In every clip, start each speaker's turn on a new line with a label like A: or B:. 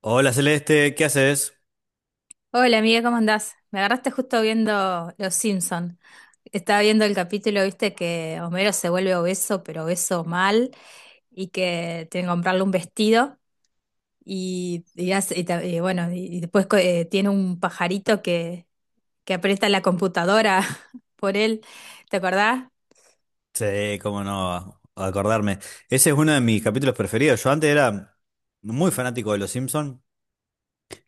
A: Hola Celeste, ¿qué haces?
B: Hola amiga, ¿cómo andás? Me agarraste justo viendo Los Simpson. Estaba viendo el capítulo, viste, que Homero se vuelve obeso, pero obeso mal, y que tiene que comprarle un vestido, y hace- y bueno, y después co- tiene un pajarito que aprieta la computadora por él. ¿Te acordás?
A: Sí, cómo no acordarme. Ese es uno de mis capítulos preferidos. Yo antes era muy fanático de Los Simpsons.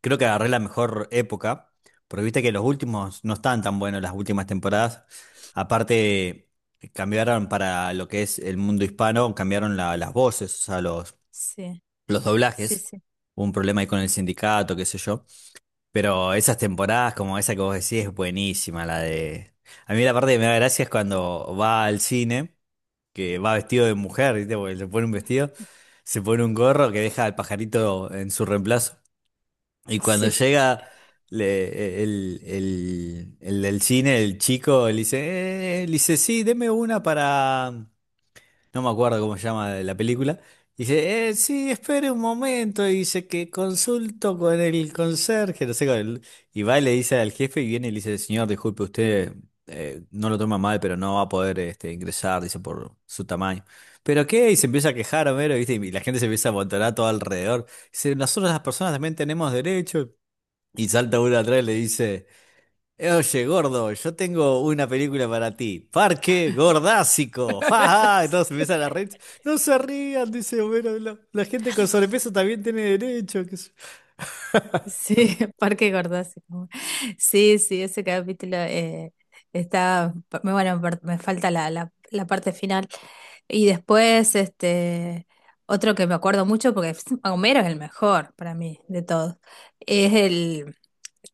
A: Creo que agarré la mejor época, porque viste que los últimos no están tan buenos, las últimas temporadas. Aparte, cambiaron para lo que es el mundo hispano, cambiaron las voces, o sea, los,
B: Sí,
A: los
B: sí,
A: doblajes.
B: sí,
A: Hubo un problema ahí con el sindicato, qué sé yo. Pero esas temporadas, como esa que vos decís, es buenísima la de. A mí la parte que me da gracia es cuando va al cine, que va vestido de mujer, ¿viste? Porque se pone un vestido, se pone un gorro que deja al pajarito en su reemplazo. Y cuando
B: sí.
A: llega el del cine, el chico, le dice, sí, deme una para no me acuerdo cómo se llama la película. Dice, sí, espere un momento. Y dice que consulto con el conserje, no sé, y va y le dice al jefe y viene y le dice, señor, disculpe, usted, no lo toma mal, pero no va a poder ingresar, dice, por su tamaño. ¿Pero qué? Y se empieza a quejar Homero, ¿viste? Y la gente se empieza a amontonar todo alrededor. Dice, nosotros las personas también tenemos derecho. Y salta uno atrás y le dice. Oye, gordo, yo tengo una película para ti. Parque Gordásico. ¡Ja, ja! Entonces empiezan a reír. No se rían, dice, bueno, la gente con sobrepeso también tiene derecho. Qué sé yo.
B: Sí, Parque Gordóxico. Sí, sí, ese capítulo está, me- bueno, per- me falta la parte final. Y después, este, otro que me acuerdo mucho, porque es- Homero es el mejor para mí de todos, es el,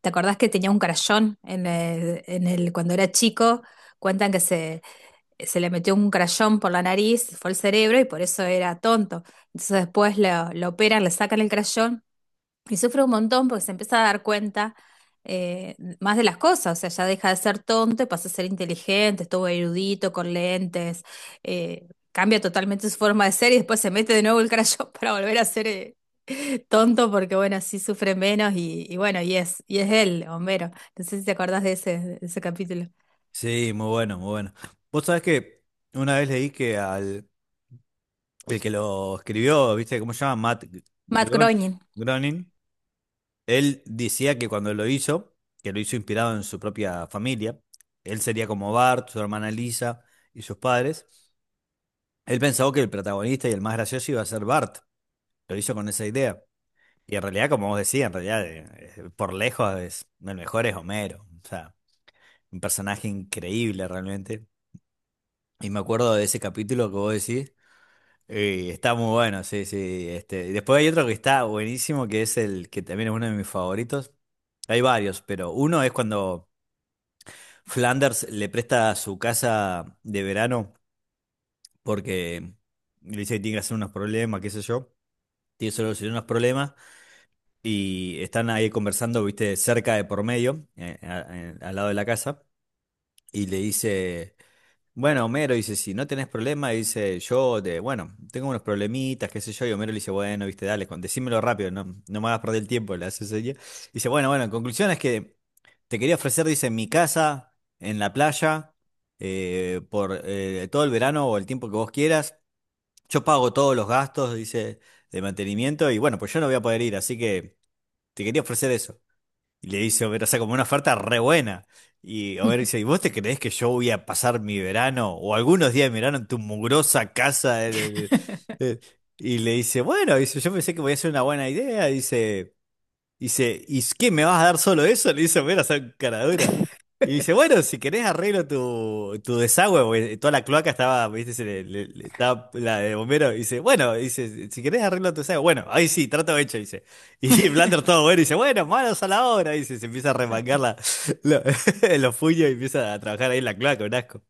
B: ¿te acordás que tenía un crayón en el, cuando era chico? Cuentan que se le metió un crayón por la nariz, fue el cerebro y por eso era tonto. Entonces después lo operan, le sacan el crayón y sufre un montón porque se empieza a dar cuenta más de las cosas, o sea, ya deja de ser tonto y pasa a ser inteligente, estuvo erudito, con lentes, eh, cambia totalmente su forma de ser y después se mete de nuevo el crayón para volver a ser tonto porque, bueno, así sufre menos y bueno, y es él, Homero. No sé si te acordás de ese capítulo.
A: Sí, muy bueno, muy bueno. Vos sabés que una vez leí que al el que lo escribió, ¿viste cómo se llama? Matt
B: Matt
A: Gron-
B: Groening.
A: Groening. Él decía que cuando lo hizo, que lo hizo inspirado en su propia familia, él sería como Bart, su hermana Lisa y sus padres. Él pensó que el protagonista y el más gracioso iba a ser Bart. Lo hizo con esa idea. Y en realidad, como vos decías, en realidad, por lejos, el mejor es Homero. O sea, un personaje increíble realmente. Y me acuerdo de ese capítulo que vos decís. Y está muy bueno, sí, sí. Y después hay otro que está buenísimo, que es el que también es uno de mis favoritos. Hay varios, pero uno es cuando Flanders le presta su casa de verano porque le dice que tiene que hacer unos problemas, qué sé yo. Tiene que solucionar unos problemas. Y están ahí conversando, viste, cerca de por medio, al lado de la casa, y le dice, bueno, Homero dice, si no tenés problema, dice, yo, bueno, tengo unos problemitas, qué sé yo, y Homero le dice, bueno, viste, dale, decímelo rápido, no, no me hagas perder el tiempo, le hace seña. Dice, bueno, bueno, en conclusión es que te quería ofrecer, dice, mi casa en la playa, por todo el verano o el tiempo que vos quieras, yo pago todos los gastos, dice, de mantenimiento, y bueno, pues yo no voy a poder ir, así que... Te quería ofrecer eso. Y le dice Homero, o sea, como una oferta re buena. Y Homero dice, ¿y vos te creés que yo voy a pasar mi verano o algunos días de verano en tu mugrosa casa? Y le dice, bueno, dice, yo pensé que voy a hacer una buena idea. Dice, ¿y qué? ¿Me vas a dar solo eso? Le dice Homero a esa caradura. Y dice, bueno, si querés arreglo tu desagüe, porque toda la cloaca estaba, viste, se le- le- le- estaba la de bombero. Y dice, bueno, dice, si querés arreglo tu desagüe, bueno, ahí sí, trato hecho, dice. Y Blander todo bueno, dice, bueno, manos a la obra, dice, se empieza a remangar la- los puños y empieza a trabajar ahí en la cloaca, un asco.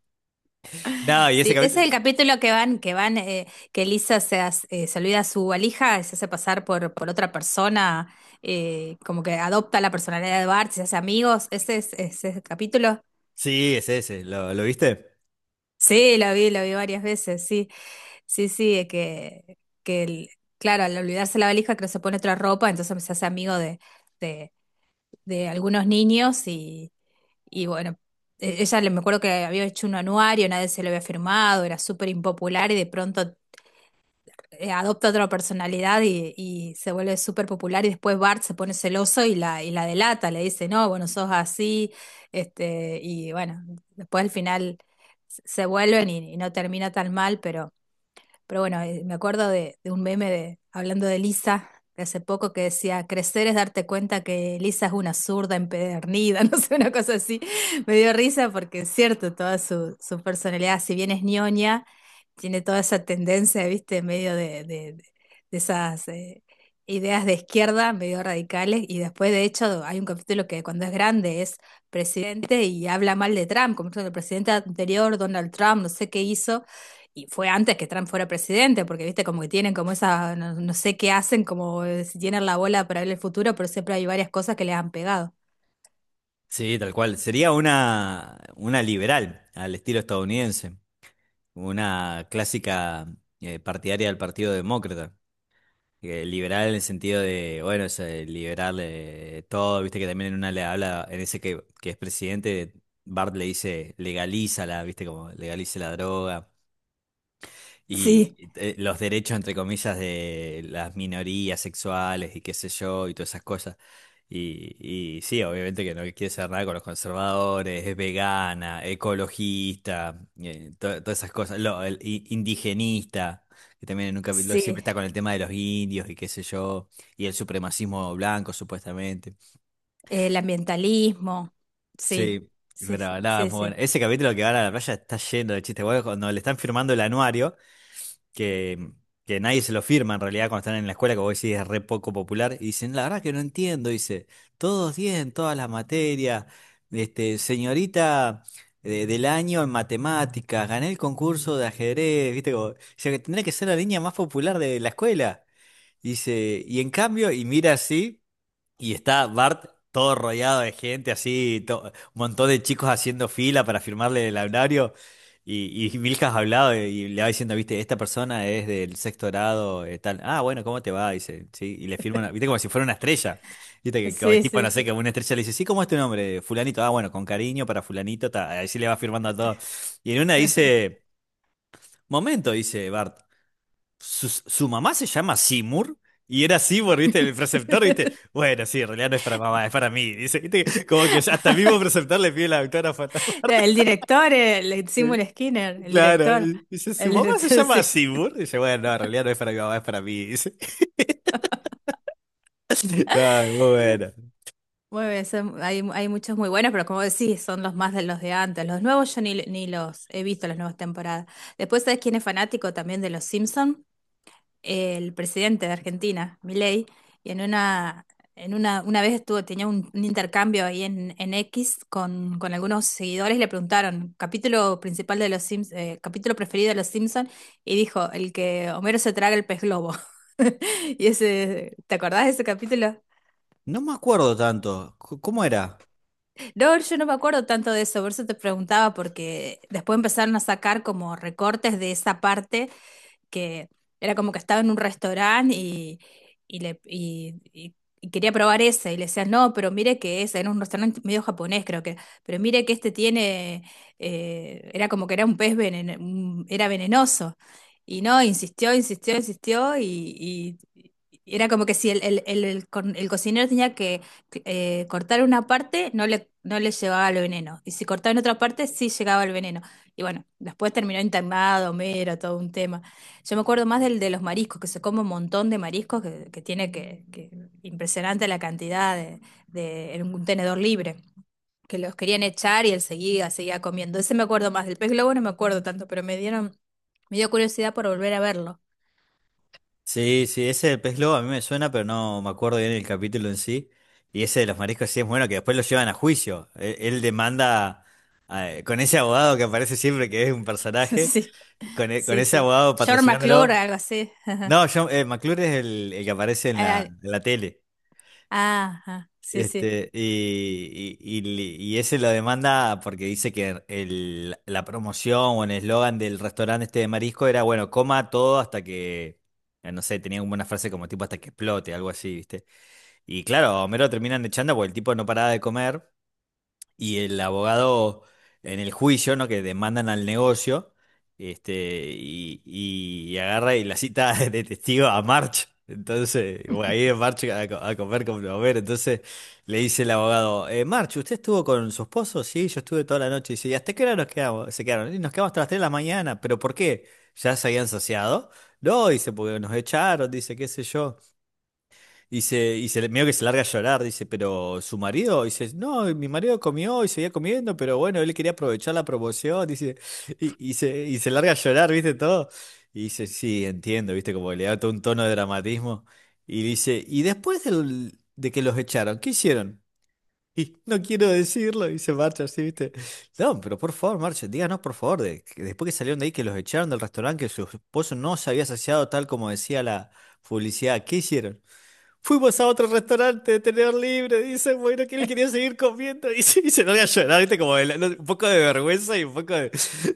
A: No, y ese
B: Sí, ese
A: capítulo,
B: es el capítulo que van, que van, que Lisa se, hace- se olvida su valija, se hace pasar por otra persona, como que adopta la personalidad de Bart, se hace amigos. Ese es el capítulo.
A: sí, es ese, ¿lo viste?
B: Sí, lo vi varias veces, sí, sí, sí, que el- claro, al olvidarse la valija, creo que se pone otra ropa, entonces se hace amigo de, de algunos niños y bueno. Ella le me acuerdo que había hecho un anuario, nadie se lo había firmado, era súper impopular y de pronto adopta otra personalidad y se vuelve súper popular y después Bart se pone celoso y la delata, le dice, no, bueno, sos así, este, y bueno, después al final se vuelven y no termina tan mal, pero bueno, me acuerdo de un meme de, hablando de Lisa de hace poco que decía, crecer es darte cuenta que Lisa es una zurda empedernida, no sé, una cosa así. Me dio risa porque es cierto, toda su, su personalidad, si bien es ñoña, tiene toda esa tendencia, viste, en medio de esas ideas de izquierda, medio radicales, y después, de hecho, hay un capítulo que cuando es grande es presidente y habla mal de Trump, como diciendo, el presidente anterior, Donald Trump, no sé qué hizo y fue antes que Trump fuera presidente, porque viste como que tienen como esa, no, no sé qué hacen, como si tienen la bola para ver el futuro, pero siempre hay varias cosas que les han pegado.
A: Sí, tal cual. Sería una liberal al estilo estadounidense. Una clásica partidaria del Partido Demócrata, liberal en el sentido de, bueno, es, liberal, todo, viste que también en una le habla, en ese que es presidente, Bart le dice, legalízala, viste como legalice la droga. Y
B: Sí,
A: los derechos, entre comillas, de las minorías sexuales y qué sé yo, y todas esas cosas. Y, y sí, obviamente que no quiere ser nada con los conservadores, es vegana, ecologista, todas esas cosas. El indigenista, que también en un capítulo siempre
B: sí,
A: está con el tema de los indios y qué sé yo, y el supremacismo blanco, supuestamente.
B: el ambientalismo, sí,
A: Sí,
B: sí,
A: pero nada, es
B: sí,
A: muy bueno.
B: sí,
A: Ese capítulo que van a la playa está lleno de chistes. Bueno, cuando le están firmando el anuario, que, que nadie se lo firma en realidad cuando están en la escuela, que vos decís es re poco popular, y dicen, la verdad que no entiendo, dice, todos 10 en todas las materias, señorita del año en matemáticas, gané el concurso de ajedrez, viste, como, o sea que tendría que ser la niña más popular de la escuela. Dice, y en cambio, y mira así. Y está Bart todo rodeado de gente, así, un montón de chicos haciendo fila para firmarle el anuario. Y Milhouse hablado y le va diciendo, viste, esta persona es del sexto grado, tal. Ah, bueno, ¿cómo te va? Dice, sí. Y le firma una, viste, como si fuera una estrella. Viste, que el
B: sí,
A: tipo,
B: sí, sí.
A: no sé,
B: Sí.
A: que una estrella le dice, sí, ¿cómo es tu nombre? Fulanito. Ah, bueno, con cariño para fulanito, ta." Así le va firmando a todos. Y en una dice, momento, dice Bart. Su mamá se llama Seymour y era Seymour, ¿viste? El preceptor, ¿viste? Bueno, sí, en realidad no es para mamá, es para mí. Dice, ¿viste? Como que hasta el mismo preceptor le pide la autógrafa.
B: El director, el Seymour Skinner,
A: Claro, y dice, su
B: el
A: mamá se
B: director,
A: llama
B: sí.
A: Seymour. Dice, bueno, no, en realidad no es para mi mamá, es para mí. Dice, ay, muy bueno.
B: Muy bien, son- hay muchos muy buenos, pero como decís, son los más de los de antes. Los nuevos yo ni, ni los he visto, las nuevas temporadas. Después, ¿sabes quién es fanático también de los Simpson? El presidente de Argentina, Milei, y en una vez estuvo, tenía un intercambio ahí en X con algunos seguidores y le preguntaron, capítulo principal de los Sims, capítulo preferido de los Simpson, y dijo, el que Homero se traga el pez globo. Y ese, ¿te acordás de ese capítulo?
A: No me acuerdo tanto. ¿Cómo era?
B: No, yo no me acuerdo tanto de eso, por eso te preguntaba, porque después empezaron a sacar como recortes de esa parte que era como que estaba en un restaurante y, le, y quería probar ese. Y le decían, no, pero mire que ese, era un restaurante medio japonés, creo que, pero mire que este tiene, era como que era un pez veneno, un- era venenoso. Y no, insistió, insistió, insistió y era como que si el co- el cocinero tenía que cortar una parte, no le, no le llevaba el veneno. Y si cortaba en otra parte, sí llegaba el veneno. Y bueno, después terminó internado, mero, todo un tema. Yo me acuerdo más del de los mariscos, que se come un montón de mariscos, que tiene que- impresionante la cantidad de- en un tenedor libre, que los querían echar y él seguía, seguía comiendo. Ese me acuerdo más, del pez globo no me acuerdo tanto, pero me dieron, me dio curiosidad por volver a verlo.
A: Sí, sí, ese del pez globo a mí me suena, pero no me acuerdo bien el capítulo en sí. Y ese de los mariscos sí es bueno, que después lo llevan a juicio. Él demanda, con ese abogado que aparece siempre, que es un personaje,
B: Sí,
A: con
B: sí,
A: ese
B: sí.
A: abogado
B: George McClure,
A: patrocinándolo.
B: algo así.
A: No, John, McClure es el que aparece
B: Ah,
A: en la tele.
B: ajá, sí, sí.
A: Y ese lo demanda porque dice que la promoción o el eslogan del restaurante este de marisco era, bueno, coma todo hasta que, no sé, tenía como una frase como tipo hasta que explote, algo así, ¿viste? Y claro, a Homero lo terminan echando porque el tipo no paraba de comer. Y el abogado en el juicio, ¿no? Que demandan al negocio, este, y agarra y la cita de testigo a March. Entonces, bueno, ahí es March a comer con Blover. Entonces le dice el abogado, March, ¿usted estuvo con su esposo? Sí, yo estuve toda la noche. Y dice, ¿y hasta qué hora nos quedamos? Se quedaron. "Y nos quedamos hasta las 3 de la mañana. ¿Pero por qué? ¿Ya se habían saciado? No, dice, porque nos echaron, dice, qué sé yo. Y medio que se larga a llorar, dice, pero su marido, dice, no, mi marido comió y seguía comiendo, pero bueno, él quería aprovechar la promoción, dice, y se larga a llorar, ¿viste todo? Y dice, sí, entiendo, ¿viste? Como que le da todo un tono de dramatismo. Y dice, ¿y después de que los echaron, qué hicieron? Y no quiero decirlo, y se marcha así, ¿viste? No, pero por favor, marcha, díganos por favor, que después que salieron de ahí, que los echaron del restaurante, que su esposo no se había saciado tal como decía la publicidad, ¿qué hicieron? Fuimos a otro restaurante de tener libre, dice, bueno, que él quería seguir comiendo y se larga a llorar, viste, como no, un poco de vergüenza y un poco de...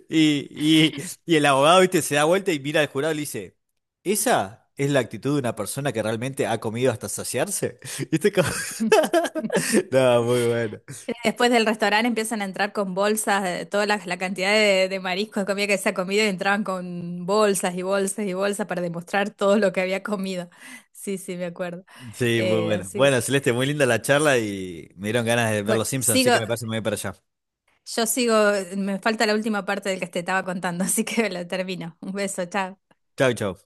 A: Y, y, y el abogado, viste, se da vuelta y mira al jurado y le dice, ¿esa es la actitud de una persona que realmente ha comido hasta saciarse? Viste, como... No, muy bueno.
B: Después del restaurante empiezan a entrar con bolsas, toda la, la cantidad de mariscos que comida que se ha comido y entraban con bolsas y bolsas y bolsas para demostrar todo lo que había comido. Sí, sí, me acuerdo.
A: Sí, muy bueno.
B: Así que,
A: Bueno, Celeste, muy linda la charla y me dieron ganas de ver
B: bueno,
A: los Simpsons, así
B: sigo,
A: que me parece muy bien para allá.
B: yo sigo, me falta la última parte del que te estaba contando, así que la termino. Un beso, chao.
A: Chau, chau.